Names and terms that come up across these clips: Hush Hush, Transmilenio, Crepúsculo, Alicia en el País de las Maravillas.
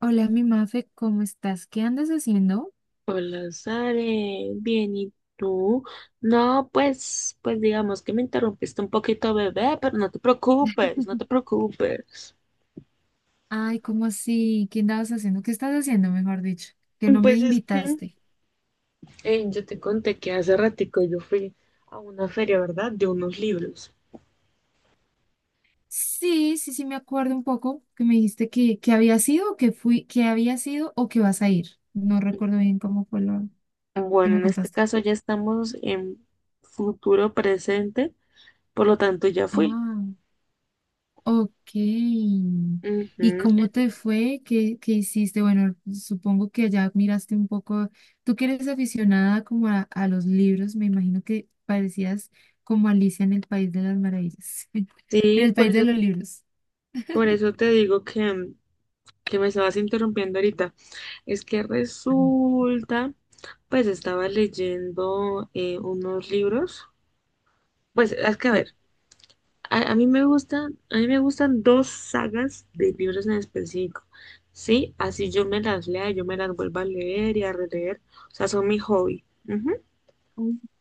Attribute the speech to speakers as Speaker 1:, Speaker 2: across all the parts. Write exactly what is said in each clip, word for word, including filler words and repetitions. Speaker 1: Hola, mi Mafe, ¿cómo estás? ¿Qué andas haciendo?
Speaker 2: Hola, Sare, bien, ¿y tú? No, pues, pues digamos que me interrumpiste un poquito, bebé, pero no te preocupes, no te preocupes.
Speaker 1: Ay, ¿cómo así? ¿Qué andabas haciendo? ¿Qué estás haciendo, mejor dicho? Que no me
Speaker 2: Pues es que
Speaker 1: invitaste.
Speaker 2: eh, yo te conté que hace ratico yo fui a una feria, ¿verdad? De unos libros.
Speaker 1: Sí, sí, sí, me acuerdo un poco que me dijiste que, que había sido, que fui, que había sido o que vas a ir. No recuerdo bien cómo fue lo que
Speaker 2: Bueno,
Speaker 1: me
Speaker 2: en este
Speaker 1: contaste.
Speaker 2: caso ya estamos en futuro presente, por lo tanto ya fui.
Speaker 1: Ah. Ok. ¿Y
Speaker 2: Ujú.
Speaker 1: cómo te fue? ¿Qué, qué hiciste? Bueno, supongo que ya miraste un poco. Tú que eres aficionada como a, a los libros, me imagino que parecías como Alicia en el País de las Maravillas, en
Speaker 2: Sí,
Speaker 1: el
Speaker 2: por
Speaker 1: País de
Speaker 2: eso,
Speaker 1: los Libros.
Speaker 2: por eso te digo que, que me estabas interrumpiendo ahorita. Es que
Speaker 1: Ah.
Speaker 2: resulta. Pues estaba leyendo eh, unos libros. Pues es que a
Speaker 1: Sí.
Speaker 2: ver, a, a mí me gustan, a mí me gustan dos sagas de libros en específico. Sí, así yo me las lea, yo me las vuelvo a leer y a releer. O sea, son mi hobby. Ujú.
Speaker 1: Ok.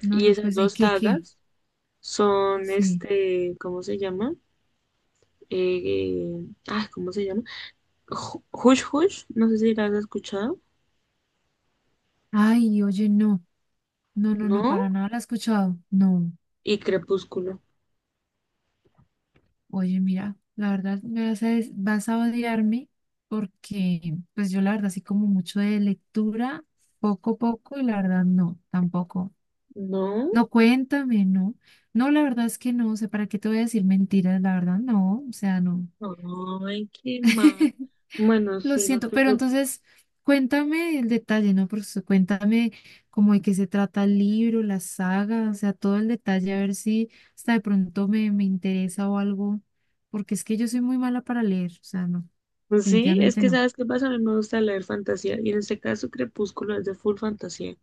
Speaker 1: No,
Speaker 2: Y
Speaker 1: no,
Speaker 2: esas
Speaker 1: pues, ¿y
Speaker 2: dos
Speaker 1: qué, qué?
Speaker 2: sagas son
Speaker 1: Sí.
Speaker 2: este, ¿cómo se llama? Eh, eh, ay, ¿cómo se llama? Ju- Hush Hush, no sé si las has escuchado,
Speaker 1: Ay, oye, no, no, no, no,
Speaker 2: ¿no?
Speaker 1: para nada la he escuchado. No.
Speaker 2: Y Crepúsculo,
Speaker 1: Oye, mira, la verdad me vas a, des- vas a odiarme porque pues yo la verdad sí como mucho de lectura, poco a poco y la verdad no, tampoco.
Speaker 2: ¿no?
Speaker 1: No, cuéntame, no. No, la verdad es que no, o sea, ¿para qué te voy a decir mentiras? La verdad no, o sea, no.
Speaker 2: Ay, qué mal. Bueno,
Speaker 1: Lo
Speaker 2: sí, no
Speaker 1: siento,
Speaker 2: te
Speaker 1: pero
Speaker 2: preocupes.
Speaker 1: entonces cuéntame el detalle, ¿no? Por su- cuéntame cómo de qué se trata el libro, la saga, o sea, todo el detalle, a ver si hasta de pronto me, me interesa o algo, porque es que yo soy muy mala para leer, o sea, no,
Speaker 2: Sí, es
Speaker 1: definitivamente
Speaker 2: que
Speaker 1: no.
Speaker 2: sabes qué pasa, a mí me gusta leer fantasía y en este caso Crepúsculo es de full fantasía.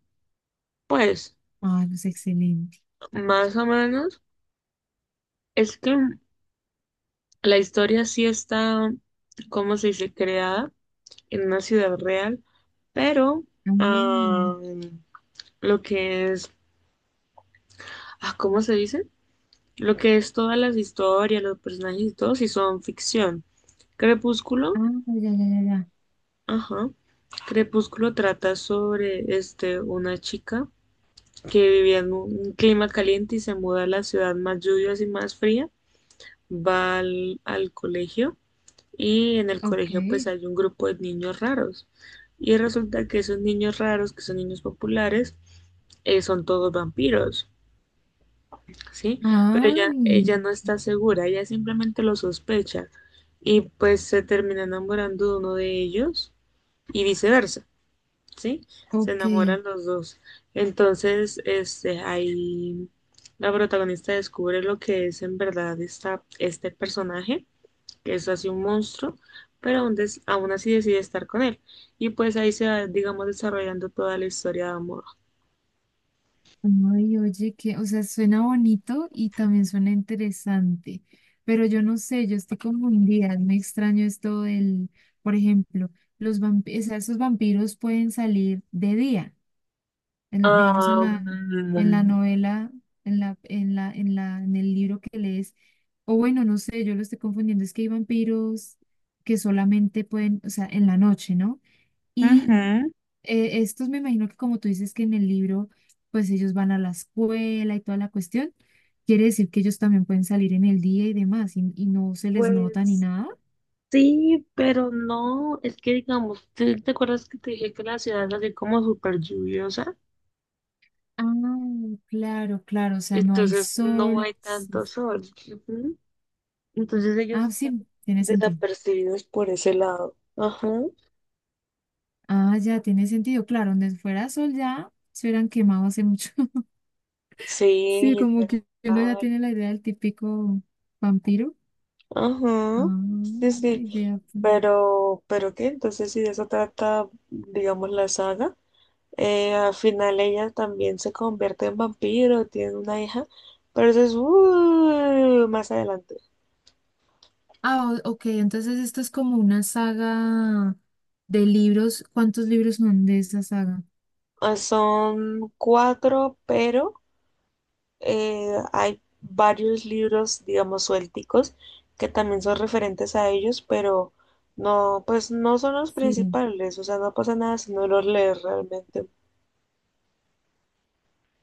Speaker 2: Pues,
Speaker 1: Ah, no, es excelente.
Speaker 2: más o menos, es que la historia sí está, ¿cómo se dice?, creada en una ciudad real, pero
Speaker 1: Ah,
Speaker 2: ah, lo que es, ah, ¿cómo se dice? Lo que es todas las historias, los personajes y todo, sí son ficción.
Speaker 1: ah,
Speaker 2: Crepúsculo,
Speaker 1: ya, ya, ya, ya.
Speaker 2: ajá. Crepúsculo trata sobre este, una chica que vivía en un clima caliente y se muda a la ciudad más lluviosa y más fría. Va al, al colegio y en el
Speaker 1: Ok.
Speaker 2: colegio pues hay un grupo de niños raros. Y resulta que esos niños raros, que son niños populares, eh, son todos vampiros, ¿sí? Pero ella,
Speaker 1: Ay,
Speaker 2: ella no está segura, ella simplemente lo sospecha y pues se termina enamorando de uno de ellos y viceversa. ¿Sí? Se
Speaker 1: ok.
Speaker 2: enamoran los dos. Entonces, este, ahí la protagonista descubre lo que es en verdad esta, este personaje, que es así un monstruo, pero aún, des- aún así decide estar con él. Y pues ahí se va, digamos, desarrollando toda la historia de amor.
Speaker 1: Ay, oye, que, o sea, suena bonito y también suena interesante, pero yo no sé, yo estoy confundida, me extraño esto del, por ejemplo, los vampiros, o sea, esos vampiros pueden salir de día, en- digamos en la, en la
Speaker 2: Am,
Speaker 1: novela, en la, en la, en la, en el libro que lees, o bueno, no sé, yo lo estoy confundiendo, es que hay vampiros que solamente pueden, o sea, en la noche, ¿no? Y
Speaker 2: ujú.
Speaker 1: eh, estos me imagino que como tú dices que en el libro, pues ellos van a la escuela y toda la cuestión, quiere decir que ellos también pueden salir en el día y demás y, y no se les nota ni
Speaker 2: Pues
Speaker 1: nada.
Speaker 2: sí, pero no, es que digamos, ¿te, te acuerdas que te dije que la ciudad es así como súper lluviosa?
Speaker 1: Ah, claro, claro, o sea, no hay
Speaker 2: Entonces no
Speaker 1: sol.
Speaker 2: hay
Speaker 1: Sí,
Speaker 2: tanto
Speaker 1: sí.
Speaker 2: sol. Ujú. Entonces
Speaker 1: Ah,
Speaker 2: ellos pasan
Speaker 1: sí, tiene sentido.
Speaker 2: desapercibidos por ese lado. Ajá.
Speaker 1: Ah, ya, tiene sentido. Claro, donde fuera sol ya se hubieran quemado hace mucho.
Speaker 2: Sí,
Speaker 1: Sí, como que uno ya
Speaker 2: literal.
Speaker 1: tiene la idea del típico vampiro.
Speaker 2: Ajá. Sí,
Speaker 1: Ah,
Speaker 2: sí.
Speaker 1: idea.
Speaker 2: Pero, ¿pero qué? Entonces, si de eso trata, digamos, la saga, eh, al final ella también se convierte en vampiro, tiene una hija, pero eso es uh, más adelante.
Speaker 1: Ah, o- ok, entonces esto es como una saga de libros. ¿Cuántos libros son de esta saga?
Speaker 2: Ah, son cuatro, pero eh, hay varios libros, digamos, suélticos que también son referentes a ellos, pero no, pues no son los
Speaker 1: Sí.
Speaker 2: principales, o sea, no pasa nada si no los lees realmente.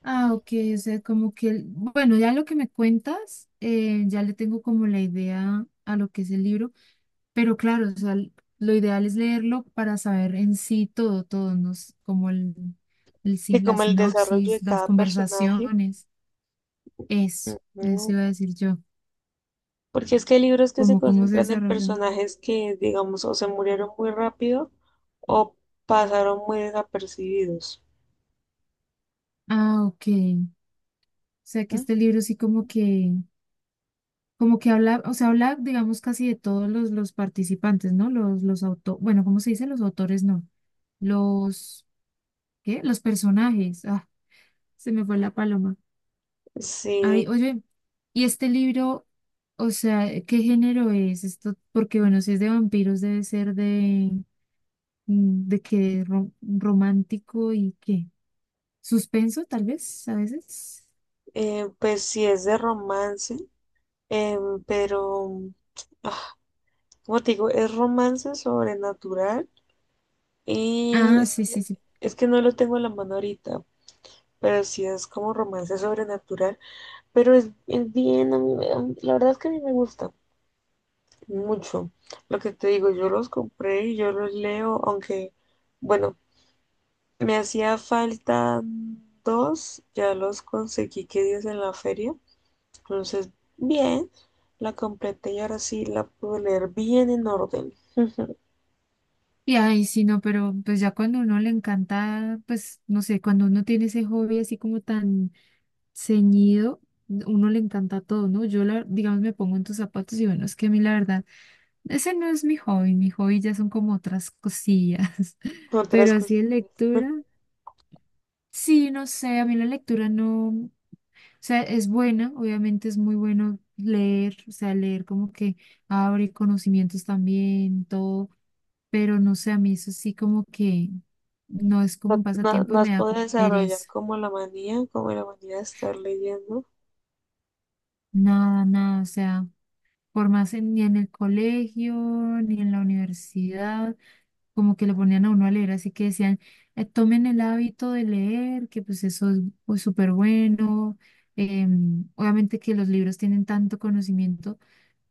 Speaker 1: Ah, ok, o sea, como que, el- bueno, ya lo que me cuentas, eh, ya le tengo como la idea a lo que es el libro, pero claro, o sea, l- lo ideal es leerlo para saber en sí todo, todo, ¿no? S- Como el, el
Speaker 2: Y
Speaker 1: sin- la
Speaker 2: como el desarrollo
Speaker 1: sinopsis,
Speaker 2: de
Speaker 1: las
Speaker 2: cada personaje,
Speaker 1: conversaciones, eso, eso
Speaker 2: ujú,
Speaker 1: iba a decir yo,
Speaker 2: porque es que hay libros que se
Speaker 1: como cómo se
Speaker 2: concentran en
Speaker 1: desarrolla.
Speaker 2: personajes que, digamos, o se murieron muy rápido o pasaron muy desapercibidos.
Speaker 1: Ah, ok. O sea que
Speaker 2: ¿Mm?
Speaker 1: este libro sí como que como que habla, o sea, habla, digamos, casi de todos los, los participantes, ¿no? Los, los autores, bueno, ¿cómo se dice? Los autores, no. Los, ¿qué? Los personajes. Ah, se me fue la paloma. Ay,
Speaker 2: Sí,
Speaker 1: oye, ¿y este libro, o sea, eh, qué género es esto? Porque, bueno, si es de vampiros, debe ser de, mm, de qué, ro- romántico y qué. Suspenso, tal vez, a veces.
Speaker 2: eh, pues sí es de romance, em, pero... ah, como te digo, es romance sobrenatural y
Speaker 1: Ah,
Speaker 2: es
Speaker 1: sí, sí,
Speaker 2: que,
Speaker 1: sí.
Speaker 2: es que no lo tengo en la mano ahorita, pero sí es como romance sobrenatural, pero es, es bien, a mí me- a mí- la verdad es que a mí me gusta mucho. Lo que te digo, yo los compré y yo los leo, aunque, bueno, me hacía falta dos, ya los conseguí que días en la feria, entonces, bien, la completé y ahora sí la puedo leer bien en orden.
Speaker 1: Y ay, sí, no, pero pues ya cuando uno le encanta, pues no sé, cuando uno tiene ese hobby así como tan ceñido, uno le encanta todo, ¿no? Yo, la- digamos, me pongo en tus zapatos y bueno, es que a mí la verdad, ese no es mi hobby, mi hobby ya son como otras cosillas,
Speaker 2: Otras
Speaker 1: pero así
Speaker 2: cositas.
Speaker 1: de lectura, sí, no sé, a mí la lectura no, o sea, es buena, obviamente es muy bueno leer, o sea, leer como que abre conocimientos también, todo, pero no sé, a mí eso sí como que no es
Speaker 2: No,
Speaker 1: como un
Speaker 2: no,
Speaker 1: pasatiempo y
Speaker 2: no has
Speaker 1: me da
Speaker 2: podido
Speaker 1: como
Speaker 2: desarrollar
Speaker 1: pereza.
Speaker 2: como la manía, como la manía de estar leyendo.
Speaker 1: Nada, nada, o sea, por más en- ni en el colegio, ni en la universidad, como que le ponían a uno a leer, así que decían, eh, tomen el hábito de leer, que pues eso es pues, súper bueno. Em, obviamente que los libros tienen tanto conocimiento,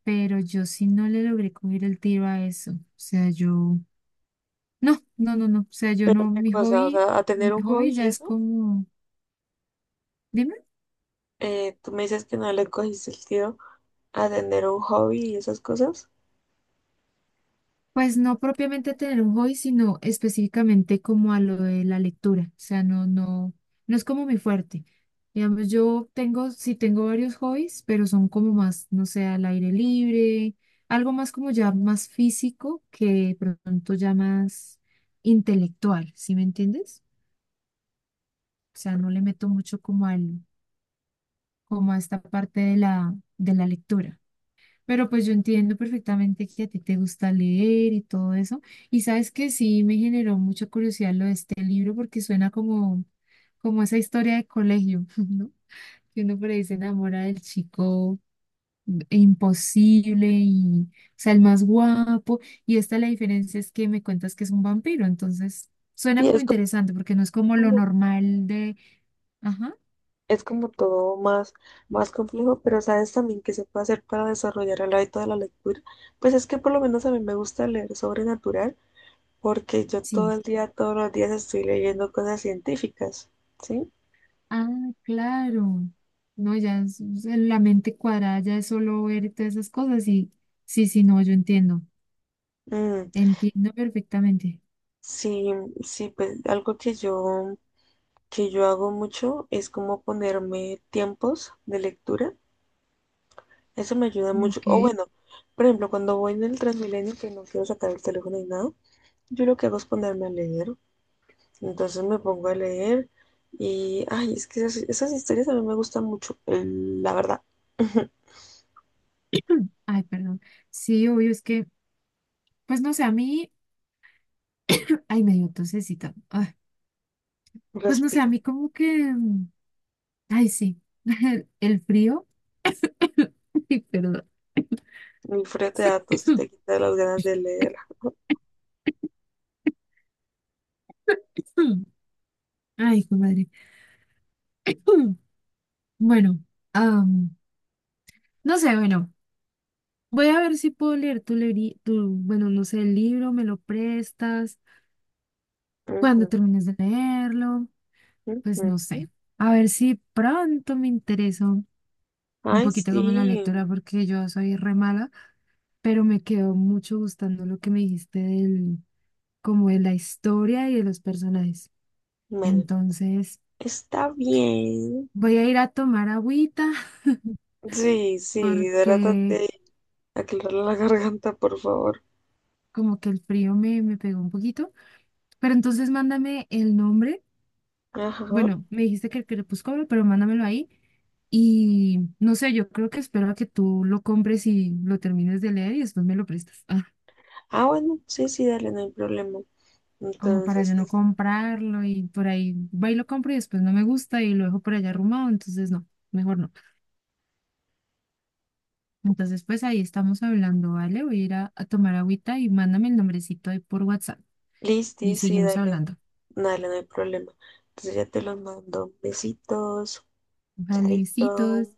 Speaker 1: pero yo sí no le logré coger el tiro a eso. O sea, yo, no, no, no, no, o sea, yo
Speaker 2: Pero
Speaker 1: no,
Speaker 2: qué
Speaker 1: mi
Speaker 2: cosa, o
Speaker 1: hobby...
Speaker 2: sea, a tener
Speaker 1: Mi
Speaker 2: un hobby
Speaker 1: hobby
Speaker 2: y
Speaker 1: ya es
Speaker 2: eso,
Speaker 1: como dime,
Speaker 2: eh, tú me dices que no le cogiste el tiro a tener un hobby y esas cosas.
Speaker 1: pues no propiamente tener un hobby, sino específicamente como a lo de la lectura. O sea, no, no, no es como mi fuerte. Digamos, yo tengo, sí tengo varios hobbies, pero son como más, no sé, al aire libre, algo más como ya más físico que de pronto ya más intelectual, ¿sí me entiendes? O sea, no le meto mucho como al, como a esta parte de la, de la lectura. Pero pues yo entiendo perfectamente que a ti te gusta leer y todo eso. Y sabes que sí me generó mucha curiosidad lo de este libro porque suena como, como esa historia de colegio, ¿no? Que uno por ahí se enamora del chico imposible y, o sea, el más guapo. Y esta la diferencia es que me cuentas que es un vampiro. Entonces, suena
Speaker 2: Sí,
Speaker 1: como
Speaker 2: es
Speaker 1: interesante porque no es como lo
Speaker 2: como,
Speaker 1: normal de, ajá,
Speaker 2: es como todo más, más complejo, pero sabes también que se puede hacer para desarrollar el hábito de la lectura. Pues es que por lo menos a mí me gusta leer sobrenatural, porque yo todo
Speaker 1: sí.
Speaker 2: el día, todos los días estoy leyendo cosas científicas, ¿sí?
Speaker 1: Ah, claro. No, ya es- es la mente cuadrada ya es solo ver todas esas cosas y sí, sí, no, yo entiendo.
Speaker 2: Mm,
Speaker 1: Entiendo perfectamente.
Speaker 2: sí, sí, pues algo que yo, que yo hago mucho es como ponerme tiempos de lectura. Eso me ayuda mucho.
Speaker 1: Ok.
Speaker 2: O bueno, por ejemplo, cuando voy en el Transmilenio que no quiero sacar el teléfono ni nada, yo lo que hago es ponerme a leer. Entonces me pongo a leer y, ay, es que esas, esas historias a mí me gustan mucho, eh, la verdad.
Speaker 1: Ay, perdón. Sí, obvio, es que, pues no sé, a mí, ay, me dio tosecita. Ay, pues no sé, a
Speaker 2: Respiro.
Speaker 1: mí como que, mm, ay, sí, el, el frío. Ay, perdón.
Speaker 2: El frío te da tos y te quita las ganas de leer.
Speaker 1: Ay, hijo de madre. Bueno, am, no sé, bueno. Voy a ver si puedo leer tu, leeri- tu, bueno, no sé, el libro, me lo prestas, cuando
Speaker 2: Ujú,
Speaker 1: termines de leerlo, pues no
Speaker 2: ujú.
Speaker 1: sé. A ver si pronto me intereso un
Speaker 2: Ay,
Speaker 1: poquito como en la
Speaker 2: sí.
Speaker 1: lectura, porque yo soy re mala, pero me quedó mucho gustando lo que me dijiste del, como de la historia y de los personajes.
Speaker 2: Bueno,
Speaker 1: Entonces,
Speaker 2: está bien.
Speaker 1: voy a ir a tomar agüita,
Speaker 2: Sí, sí, hidrátate
Speaker 1: porque
Speaker 2: de aclarar la garganta, por favor.
Speaker 1: como que el frío me, me pegó un poquito, pero entonces mándame el nombre.
Speaker 2: Ajá.
Speaker 1: Bueno, me dijiste que el crepúsculo, pero mándamelo ahí. Y no sé, yo creo que espero a que tú lo compres y lo termines de leer y después me lo prestas. Ah,
Speaker 2: Ah, bueno, sí, sí, dale, no hay problema.
Speaker 1: como para yo
Speaker 2: Entonces,
Speaker 1: no
Speaker 2: es-
Speaker 1: comprarlo y por ahí va y lo compro y después no me gusta y lo dejo por allá arrumado, entonces no, mejor no. Entonces, pues ahí estamos hablando, ¿vale? Voy a ir a, a tomar agüita y mándame el nombrecito ahí por WhatsApp
Speaker 2: listi,
Speaker 1: y
Speaker 2: sí,
Speaker 1: seguimos
Speaker 2: dale,
Speaker 1: hablando.
Speaker 2: dale, no hay problema. Entonces ya te los mando. Besitos,
Speaker 1: Vale,
Speaker 2: chaito.
Speaker 1: besitos.